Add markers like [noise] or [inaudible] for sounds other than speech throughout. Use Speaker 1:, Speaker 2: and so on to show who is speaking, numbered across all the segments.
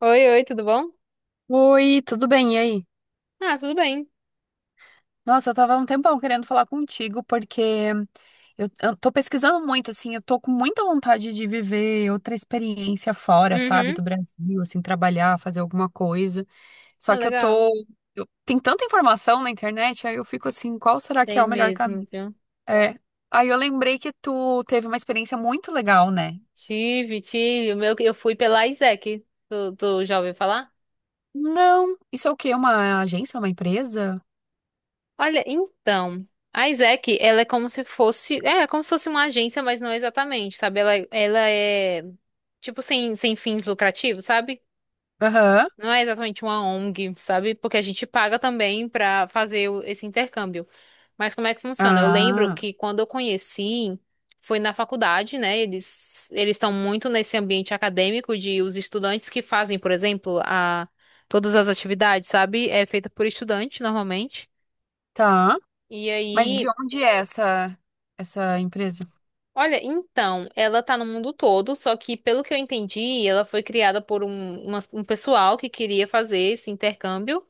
Speaker 1: Oi, oi, tudo bom?
Speaker 2: Oi, tudo bem? E aí?
Speaker 1: Ah, tudo bem.
Speaker 2: Nossa, eu tava há um tempão querendo falar contigo, porque eu tô pesquisando muito, assim, eu tô com muita vontade de viver outra experiência fora, sabe,
Speaker 1: Uhum.
Speaker 2: do Brasil, assim, trabalhar, fazer alguma coisa.
Speaker 1: Ah,
Speaker 2: Só que eu
Speaker 1: legal.
Speaker 2: tô. Tem tanta informação na internet, aí eu fico assim, qual será que é
Speaker 1: Tem
Speaker 2: o melhor
Speaker 1: mesmo,
Speaker 2: caminho?
Speaker 1: viu?
Speaker 2: É. Aí eu lembrei que tu teve uma experiência muito legal, né?
Speaker 1: Tive, tive. O meu, eu fui pela Isaac. Tu já ouviu falar?
Speaker 2: Não, isso é o quê? Uma agência, uma empresa?
Speaker 1: Olha, então, a Isaac, ela é como se fosse, é, é como se fosse uma agência, mas não exatamente, sabe? Ela é tipo sem fins lucrativos, sabe?
Speaker 2: Aham.
Speaker 1: Não é exatamente uma ONG, sabe? Porque a gente paga também pra fazer esse intercâmbio. Mas como é que funciona? Eu lembro
Speaker 2: Ah,
Speaker 1: que quando eu conheci, foi na faculdade, né? Eles estão muito nesse ambiente acadêmico de os estudantes que fazem, por exemplo, a todas as atividades, sabe? É feita por estudante normalmente.
Speaker 2: tá.
Speaker 1: E
Speaker 2: Mas de
Speaker 1: aí
Speaker 2: onde é essa empresa?
Speaker 1: olha, então, ela tá no mundo todo, só que pelo que eu entendi, ela foi criada por um pessoal que queria fazer esse intercâmbio.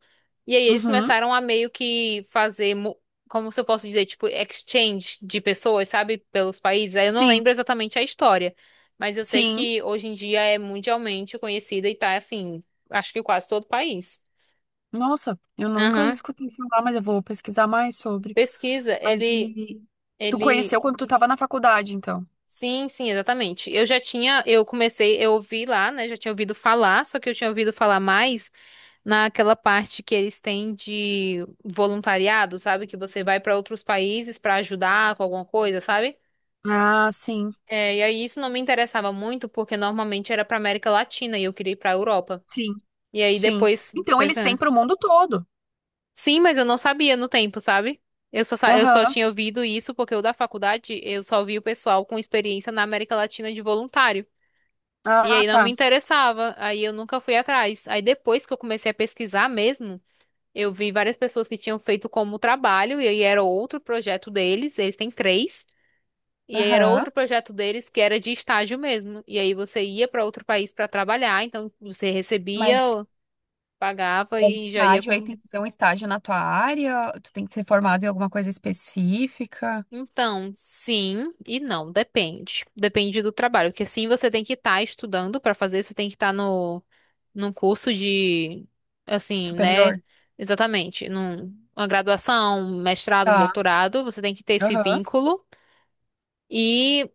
Speaker 1: E aí eles
Speaker 2: Uhum.
Speaker 1: começaram a meio que fazer, como se eu posso dizer, tipo, exchange de pessoas, sabe, pelos países. Aí eu não
Speaker 2: Sim,
Speaker 1: lembro exatamente a história, mas eu sei
Speaker 2: sim.
Speaker 1: que hoje em dia é mundialmente conhecida e tá assim, acho que quase todo o país.
Speaker 2: Nossa, eu nunca
Speaker 1: Aham.
Speaker 2: escutei falar, mas eu vou pesquisar mais sobre.
Speaker 1: Pesquisa,
Speaker 2: Mas
Speaker 1: ele.
Speaker 2: e tu
Speaker 1: Ele
Speaker 2: conheceu quando tu estava na faculdade, então?
Speaker 1: Sim, sim, exatamente. Eu já tinha, eu comecei, eu ouvi lá, né? Já tinha ouvido falar, só que eu tinha ouvido falar mais naquela parte que eles têm de voluntariado, sabe? Que você vai para outros países para ajudar com alguma coisa, sabe?
Speaker 2: Ah, sim,
Speaker 1: É, e aí isso não me interessava muito, porque normalmente era para América Latina e eu queria ir para Europa.
Speaker 2: sim,
Speaker 1: E aí
Speaker 2: sim.
Speaker 1: depois,
Speaker 2: Então
Speaker 1: pois
Speaker 2: eles têm
Speaker 1: é.
Speaker 2: para o mundo todo.
Speaker 1: Sim, mas eu não sabia no tempo, sabe? Eu só
Speaker 2: Aham.
Speaker 1: tinha ouvido isso porque o da faculdade eu só vi o pessoal com experiência na América Latina de voluntário. E
Speaker 2: Ah,
Speaker 1: aí não
Speaker 2: tá.
Speaker 1: me interessava, aí eu nunca fui atrás. Aí depois que eu comecei a pesquisar mesmo, eu vi várias pessoas que tinham feito como trabalho, e aí era outro projeto deles, eles têm três, e aí era
Speaker 2: Aham.
Speaker 1: outro projeto deles que era de estágio mesmo. E aí você ia para outro país para trabalhar, então você
Speaker 2: Mas
Speaker 1: recebia, pagava
Speaker 2: é
Speaker 1: e já ia.
Speaker 2: estágio, aí tem que ser um estágio na tua área, tu tem que ser formado em alguma coisa específica,
Speaker 1: Então, sim e não, depende. Depende do trabalho, porque sim, você tem que estar estudando para fazer, você tem que estar no num curso de assim, né?
Speaker 2: superior.
Speaker 1: Exatamente, num uma graduação, um mestrado, um
Speaker 2: Tá.
Speaker 1: doutorado, você tem que ter esse
Speaker 2: Aham.
Speaker 1: vínculo. e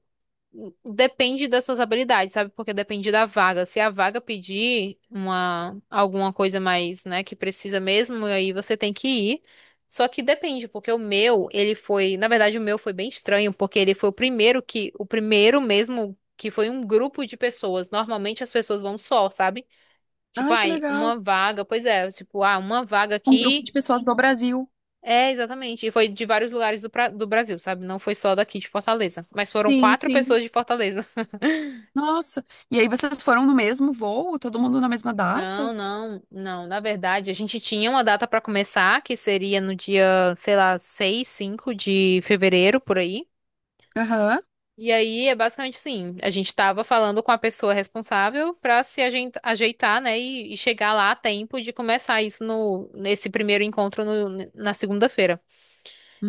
Speaker 1: Depende das suas habilidades, sabe? Porque depende da vaga. Se a vaga pedir uma alguma coisa mais, né, que precisa mesmo, aí você tem que ir. Só que depende, porque o meu, ele foi, na verdade, o meu foi bem estranho, porque ele foi o primeiro que, o primeiro mesmo que foi um grupo de pessoas. Normalmente as pessoas vão só, sabe? Tipo,
Speaker 2: Ai, que
Speaker 1: ai,
Speaker 2: legal.
Speaker 1: uma vaga, pois é, tipo, ah, uma vaga
Speaker 2: Um grupo
Speaker 1: aqui.
Speaker 2: de pessoas do Brasil.
Speaker 1: É, exatamente. E foi de vários lugares do, do Brasil, sabe? Não foi só daqui de Fortaleza. Mas foram
Speaker 2: Sim,
Speaker 1: quatro
Speaker 2: sim.
Speaker 1: pessoas de Fortaleza.
Speaker 2: Nossa. E aí vocês foram no mesmo voo? Todo mundo na mesma data?
Speaker 1: Não, não, não. Na verdade, a gente tinha uma data para começar, que seria no dia, sei lá, 6, 5 de fevereiro, por aí.
Speaker 2: Aham.
Speaker 1: E aí é basicamente assim, a gente estava falando com a pessoa responsável para se ajeitar, né, e chegar lá a tempo de começar isso nesse primeiro encontro na segunda-feira.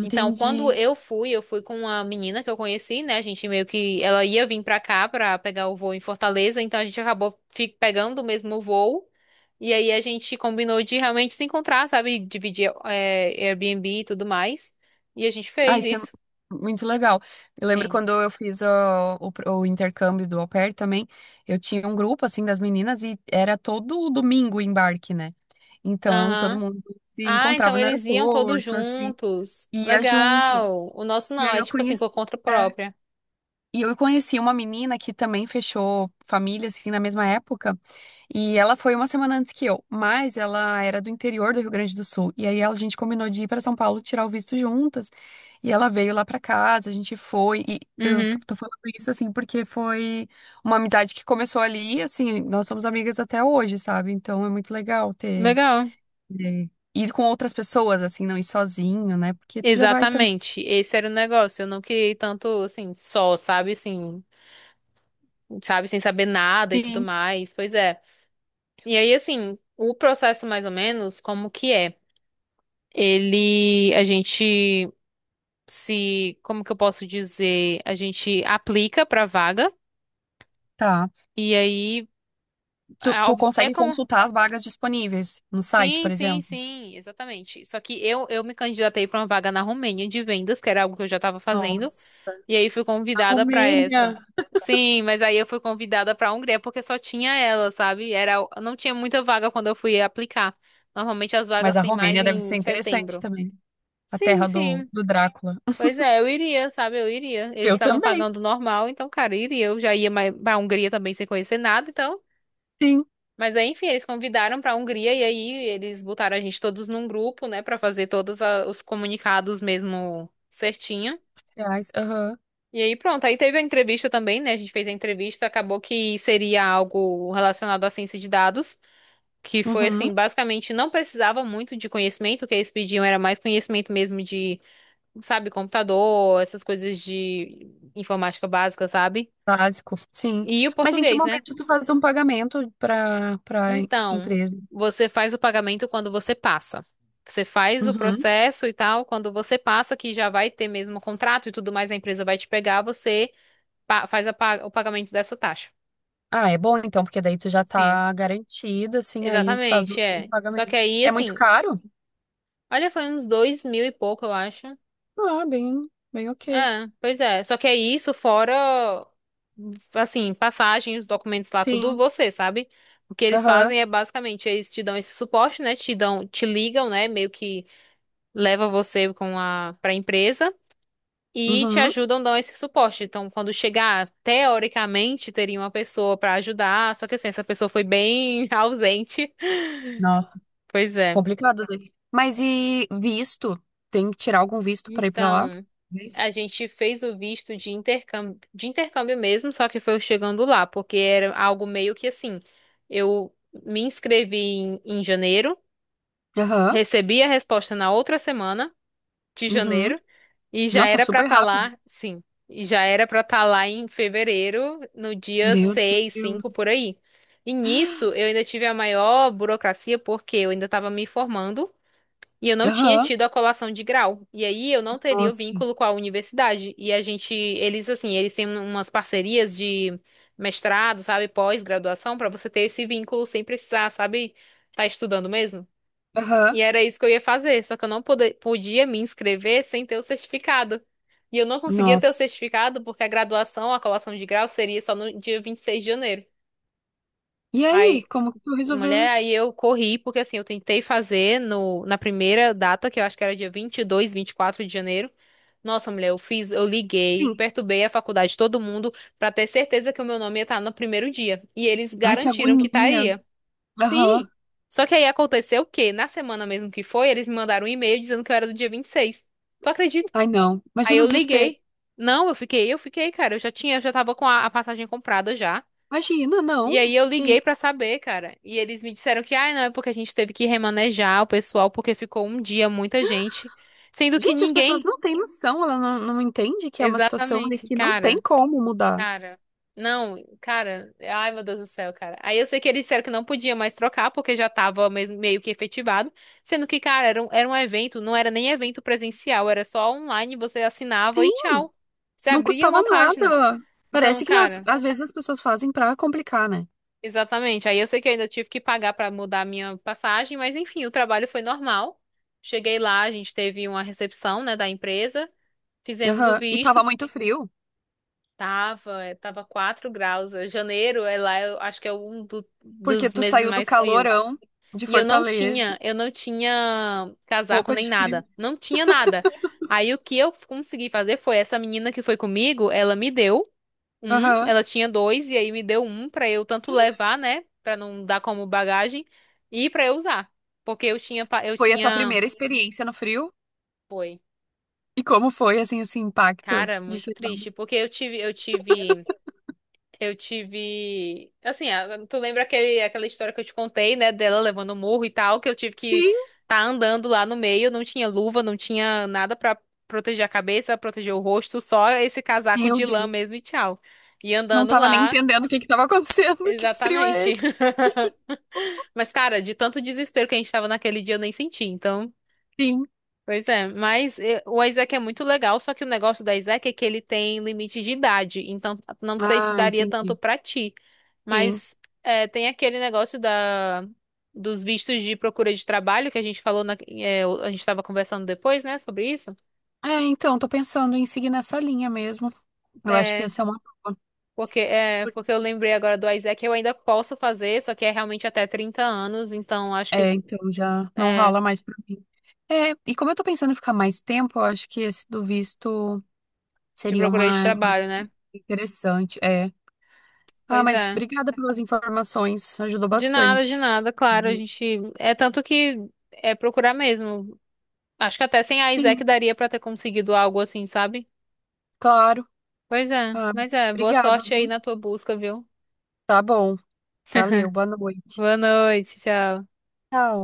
Speaker 1: Então, quando eu fui com uma menina que eu conheci, né? A gente meio que ela ia vir pra cá pra pegar o voo em Fortaleza, então a gente acabou pegando o mesmo voo. E aí a gente combinou de realmente se encontrar, sabe? Dividir é, Airbnb e tudo mais. E a gente
Speaker 2: Ah,
Speaker 1: fez
Speaker 2: isso é
Speaker 1: isso.
Speaker 2: muito legal. Eu lembro
Speaker 1: Sim.
Speaker 2: quando eu fiz o intercâmbio do Au Pair também, eu tinha um grupo, assim, das meninas e era todo domingo o embarque, né? Então, todo
Speaker 1: Aham.
Speaker 2: mundo se
Speaker 1: Ah, então
Speaker 2: encontrava no
Speaker 1: eles iam todos
Speaker 2: aeroporto, assim,
Speaker 1: juntos.
Speaker 2: e ia junto.
Speaker 1: Legal. O nosso
Speaker 2: E
Speaker 1: não,
Speaker 2: aí
Speaker 1: é
Speaker 2: eu
Speaker 1: tipo assim,
Speaker 2: conheci.
Speaker 1: por conta
Speaker 2: é,
Speaker 1: própria.
Speaker 2: E eu conheci uma menina que também fechou família, assim, na mesma época. E ela foi uma semana antes que eu, mas ela era do interior do Rio Grande do Sul. E aí a gente combinou de ir para São Paulo tirar o visto juntas. E ela veio lá para casa, a gente foi. E
Speaker 1: Uhum.
Speaker 2: tô falando isso, assim, porque foi uma amizade que começou ali, e, assim, nós somos amigas até hoje, sabe? Então é muito legal
Speaker 1: Legal.
Speaker 2: ter- ir com outras pessoas, assim, não ir sozinho, né? Porque tu já vai também.
Speaker 1: Exatamente. Esse era o negócio. Eu não queria ir tanto assim, só, sabe? Assim, sabe, sem saber nada e tudo
Speaker 2: Sim.
Speaker 1: mais. Pois é. E aí, assim, o processo mais ou menos, como que é? Ele, a gente se, como que eu posso dizer? A gente aplica pra vaga
Speaker 2: Tá.
Speaker 1: e aí
Speaker 2: Tu,
Speaker 1: é
Speaker 2: tu
Speaker 1: é
Speaker 2: consegue
Speaker 1: como
Speaker 2: consultar as vagas disponíveis no site,
Speaker 1: sim,
Speaker 2: por
Speaker 1: sim,
Speaker 2: exemplo?
Speaker 1: sim, exatamente. Só que eu me candidatei pra uma vaga na Romênia de vendas, que era algo que eu já estava fazendo.
Speaker 2: Nossa,
Speaker 1: E aí fui
Speaker 2: a
Speaker 1: convidada pra essa.
Speaker 2: Romênia.
Speaker 1: Sim, mas aí eu fui convidada pra Hungria porque só tinha ela, sabe? Era, não tinha muita vaga quando eu fui aplicar. Normalmente as
Speaker 2: Mas
Speaker 1: vagas
Speaker 2: a
Speaker 1: têm mais
Speaker 2: Romênia deve ser
Speaker 1: em
Speaker 2: interessante
Speaker 1: setembro.
Speaker 2: também. A
Speaker 1: Sim,
Speaker 2: terra do,
Speaker 1: sim.
Speaker 2: do Drácula.
Speaker 1: Pois é, eu iria, sabe? Eu iria. Eles
Speaker 2: Eu
Speaker 1: estavam
Speaker 2: também,
Speaker 1: pagando normal, então, cara, eu iria. Eu já ia mais pra Hungria também sem conhecer nada, então.
Speaker 2: sim.
Speaker 1: Mas aí, enfim, eles convidaram pra Hungria e aí eles botaram a gente todos num grupo, né, pra fazer todos os comunicados mesmo certinho.
Speaker 2: Reais, aham.
Speaker 1: E aí, pronto, aí teve a entrevista também, né? A gente fez a entrevista, acabou que seria algo relacionado à ciência de dados, que foi
Speaker 2: Uhum.
Speaker 1: assim, basicamente não precisava muito de conhecimento, o que eles pediam era mais conhecimento mesmo de, sabe, computador, essas coisas de informática básica, sabe?
Speaker 2: Básico, sim.
Speaker 1: E o
Speaker 2: Mas em que
Speaker 1: português, né?
Speaker 2: momento tu faz um pagamento para
Speaker 1: Então,
Speaker 2: empresa?
Speaker 1: você faz o pagamento quando você passa. Você faz o
Speaker 2: Uhum.
Speaker 1: processo e tal, quando você passa, que já vai ter mesmo o contrato e tudo mais, a empresa vai te pegar, você o pagamento dessa taxa.
Speaker 2: Ah, é bom então, porque daí tu já
Speaker 1: Sim.
Speaker 2: tá garantido, assim, aí faz o
Speaker 1: Exatamente,
Speaker 2: o
Speaker 1: é. Só que
Speaker 2: pagamento.
Speaker 1: aí,
Speaker 2: É muito
Speaker 1: assim,
Speaker 2: caro?
Speaker 1: olha, foi uns 2 mil e pouco, eu acho.
Speaker 2: Ah, bem, bem ok.
Speaker 1: É, pois é. Só que é isso, fora, assim, passagem, os documentos lá, tudo
Speaker 2: Sim.
Speaker 1: você, sabe? O que eles
Speaker 2: Aham.
Speaker 1: fazem é basicamente, eles te dão esse suporte, né? Te dão, te ligam, né? Meio que leva você com a, pra empresa e te
Speaker 2: Uhum.
Speaker 1: ajudam, dão esse suporte. Então, quando chegar, teoricamente, teria uma pessoa pra ajudar, só que assim, essa pessoa foi bem [laughs] ausente.
Speaker 2: Nossa.
Speaker 1: Pois é.
Speaker 2: Complicado, né? Mas e visto? Tem que tirar algum visto pra ir pra lá?
Speaker 1: Então,
Speaker 2: Visto.
Speaker 1: a gente fez o visto de intercâmbio mesmo, só que foi eu chegando lá, porque era algo meio que assim, eu me inscrevi em janeiro,
Speaker 2: Aham.
Speaker 1: recebi a resposta na outra semana de
Speaker 2: Uhum.
Speaker 1: janeiro e já
Speaker 2: Nossa,
Speaker 1: era pra
Speaker 2: super
Speaker 1: estar
Speaker 2: rápido.
Speaker 1: lá, sim, e já era pra estar lá em fevereiro, no dia
Speaker 2: Meu
Speaker 1: seis
Speaker 2: Deus.
Speaker 1: cinco por aí. E nisso eu ainda tive a maior burocracia porque eu ainda estava me formando. E eu não tinha
Speaker 2: Aham.
Speaker 1: tido a colação de grau. E aí eu não teria o
Speaker 2: Nossa.
Speaker 1: vínculo com a universidade. E a gente, eles assim, eles têm umas parcerias de mestrado, sabe, pós-graduação, pra você ter esse vínculo sem precisar, sabe, tá estudando mesmo.
Speaker 2: Aham.
Speaker 1: E era isso que eu ia fazer, só que eu não pode- podia me inscrever sem ter o certificado. E eu não conseguia ter o
Speaker 2: Nossa.
Speaker 1: certificado porque a graduação, a colação de grau seria só no dia 26 de janeiro.
Speaker 2: E aí,
Speaker 1: Aí
Speaker 2: como que tu resolveu
Speaker 1: Mulher,
Speaker 2: isso?
Speaker 1: aí eu corri, porque assim, eu tentei fazer no, na primeira data, que eu acho que era dia 20, 22, 24 de janeiro. Nossa, mulher, eu fiz, eu liguei,
Speaker 2: Sim.
Speaker 1: perturbei a faculdade, de todo mundo, pra ter certeza que o meu nome ia estar no primeiro dia. E eles
Speaker 2: Ai, que
Speaker 1: garantiram que
Speaker 2: agonia.
Speaker 1: estaria.
Speaker 2: Aham.
Speaker 1: Sim. Só que aí aconteceu o quê? Na semana mesmo que foi, eles me mandaram um e-mail dizendo que eu era do dia 26. Tu acredita?
Speaker 2: Ai, não.
Speaker 1: Aí
Speaker 2: Imagina
Speaker 1: eu
Speaker 2: o desespero.
Speaker 1: liguei. Não, eu fiquei, cara, eu já tinha, eu já tava com a passagem comprada já.
Speaker 2: Imagina, não.
Speaker 1: E aí eu
Speaker 2: Que
Speaker 1: liguei pra
Speaker 2: isso.
Speaker 1: saber, cara. E eles me disseram que, ah, não, é porque a gente teve que remanejar o pessoal porque ficou um dia muita gente, sendo que
Speaker 2: Gente, as pessoas
Speaker 1: ninguém.
Speaker 2: não têm noção, ela não entende que é uma situação ali
Speaker 1: Exatamente,
Speaker 2: que não tem
Speaker 1: cara,
Speaker 2: como mudar.
Speaker 1: cara. Não, cara, ai meu Deus do céu, cara. Aí eu sei que eles disseram que não podia mais trocar porque já tava mesmo meio que efetivado, sendo que, cara, era um evento, não era nem evento presencial, era só online, você assinava e
Speaker 2: Sim,
Speaker 1: tchau. Você
Speaker 2: Não
Speaker 1: abria
Speaker 2: custava
Speaker 1: uma página.
Speaker 2: nada.
Speaker 1: Então,
Speaker 2: Parece que
Speaker 1: cara,
Speaker 2: às vezes as pessoas fazem pra complicar, né?
Speaker 1: exatamente. Aí eu sei que eu ainda tive que pagar para mudar a minha passagem, mas enfim, o trabalho foi normal. Cheguei lá, a gente teve uma recepção, né, da empresa, fizemos o
Speaker 2: Aham. E
Speaker 1: visto,
Speaker 2: tava muito frio,
Speaker 1: tava, eh, tava 4 graus. Eh, janeiro é lá, eu acho que é um
Speaker 2: porque
Speaker 1: dos
Speaker 2: tu
Speaker 1: meses
Speaker 2: saiu do
Speaker 1: mais frios.
Speaker 2: calorão de
Speaker 1: E
Speaker 2: Fortaleza,
Speaker 1: eu não tinha casaco
Speaker 2: roupa
Speaker 1: nem
Speaker 2: de frio.
Speaker 1: nada, não tinha nada. Aí o que eu consegui fazer foi essa menina que foi comigo, ela me deu um,
Speaker 2: Aham.
Speaker 1: ela tinha dois e aí me deu um pra eu tanto levar, né, pra não dar como bagagem e pra eu usar, porque eu tinha eu
Speaker 2: Foi a tua
Speaker 1: tinha.
Speaker 2: primeira experiência no frio?
Speaker 1: Foi.
Speaker 2: E como foi, assim, esse impacto
Speaker 1: Cara,
Speaker 2: de
Speaker 1: muito
Speaker 2: chegar?
Speaker 1: triste, porque eu tive eu tive assim, tu lembra aquele aquela história que eu te contei, né, dela levando o murro e tal, que eu tive que
Speaker 2: Sim.
Speaker 1: tá andando lá no meio, não tinha luva, não tinha nada pra proteger a cabeça, proteger o rosto, só esse casaco
Speaker 2: Meu
Speaker 1: de lã
Speaker 2: Deus.
Speaker 1: mesmo e tchau. E
Speaker 2: Não
Speaker 1: andando
Speaker 2: tava nem
Speaker 1: lá,
Speaker 2: entendendo o que que tava acontecendo. [laughs] Que frio é
Speaker 1: exatamente.
Speaker 2: esse?
Speaker 1: [laughs] Mas, cara, de tanto desespero que a gente tava naquele dia, eu nem senti, então.
Speaker 2: Sim.
Speaker 1: Pois é, mas eh, o Isaac é muito legal, só que o negócio do Isaac é que ele tem limite de idade, então não sei se
Speaker 2: Ah,
Speaker 1: daria tanto
Speaker 2: entendi.
Speaker 1: pra ti.
Speaker 2: Sim.
Speaker 1: Mas eh, tem aquele negócio da, dos vistos de procura de trabalho que a gente falou, na, eh, a gente tava conversando depois, né, sobre isso.
Speaker 2: É, então, tô pensando em seguir nessa linha mesmo. Eu acho que
Speaker 1: É,
Speaker 2: essa é uma boa.
Speaker 1: porque, é, porque eu lembrei agora do Isaac, eu ainda posso fazer, só que é realmente até 30 anos, então acho
Speaker 2: É,
Speaker 1: que
Speaker 2: então já não
Speaker 1: é,
Speaker 2: rola mais pra mim. É, e como eu tô pensando em ficar mais tempo, eu acho que esse do visto
Speaker 1: de
Speaker 2: seria
Speaker 1: procura de
Speaker 2: uma
Speaker 1: trabalho, né?
Speaker 2: interessante. É. Ah,
Speaker 1: Pois
Speaker 2: mas
Speaker 1: é.
Speaker 2: obrigada pelas informações, ajudou
Speaker 1: De
Speaker 2: bastante.
Speaker 1: nada, claro, a
Speaker 2: Uhum.
Speaker 1: gente é tanto que é procurar mesmo. Acho que até sem a Isaac
Speaker 2: Sim,
Speaker 1: daria pra ter conseguido algo assim, sabe?
Speaker 2: claro.
Speaker 1: Pois é,
Speaker 2: Ah,
Speaker 1: mas é, boa
Speaker 2: obrigada,
Speaker 1: sorte
Speaker 2: viu?
Speaker 1: aí na tua busca, viu?
Speaker 2: Tá bom, valeu, boa noite.
Speaker 1: Boa noite, tchau.
Speaker 2: Tchau.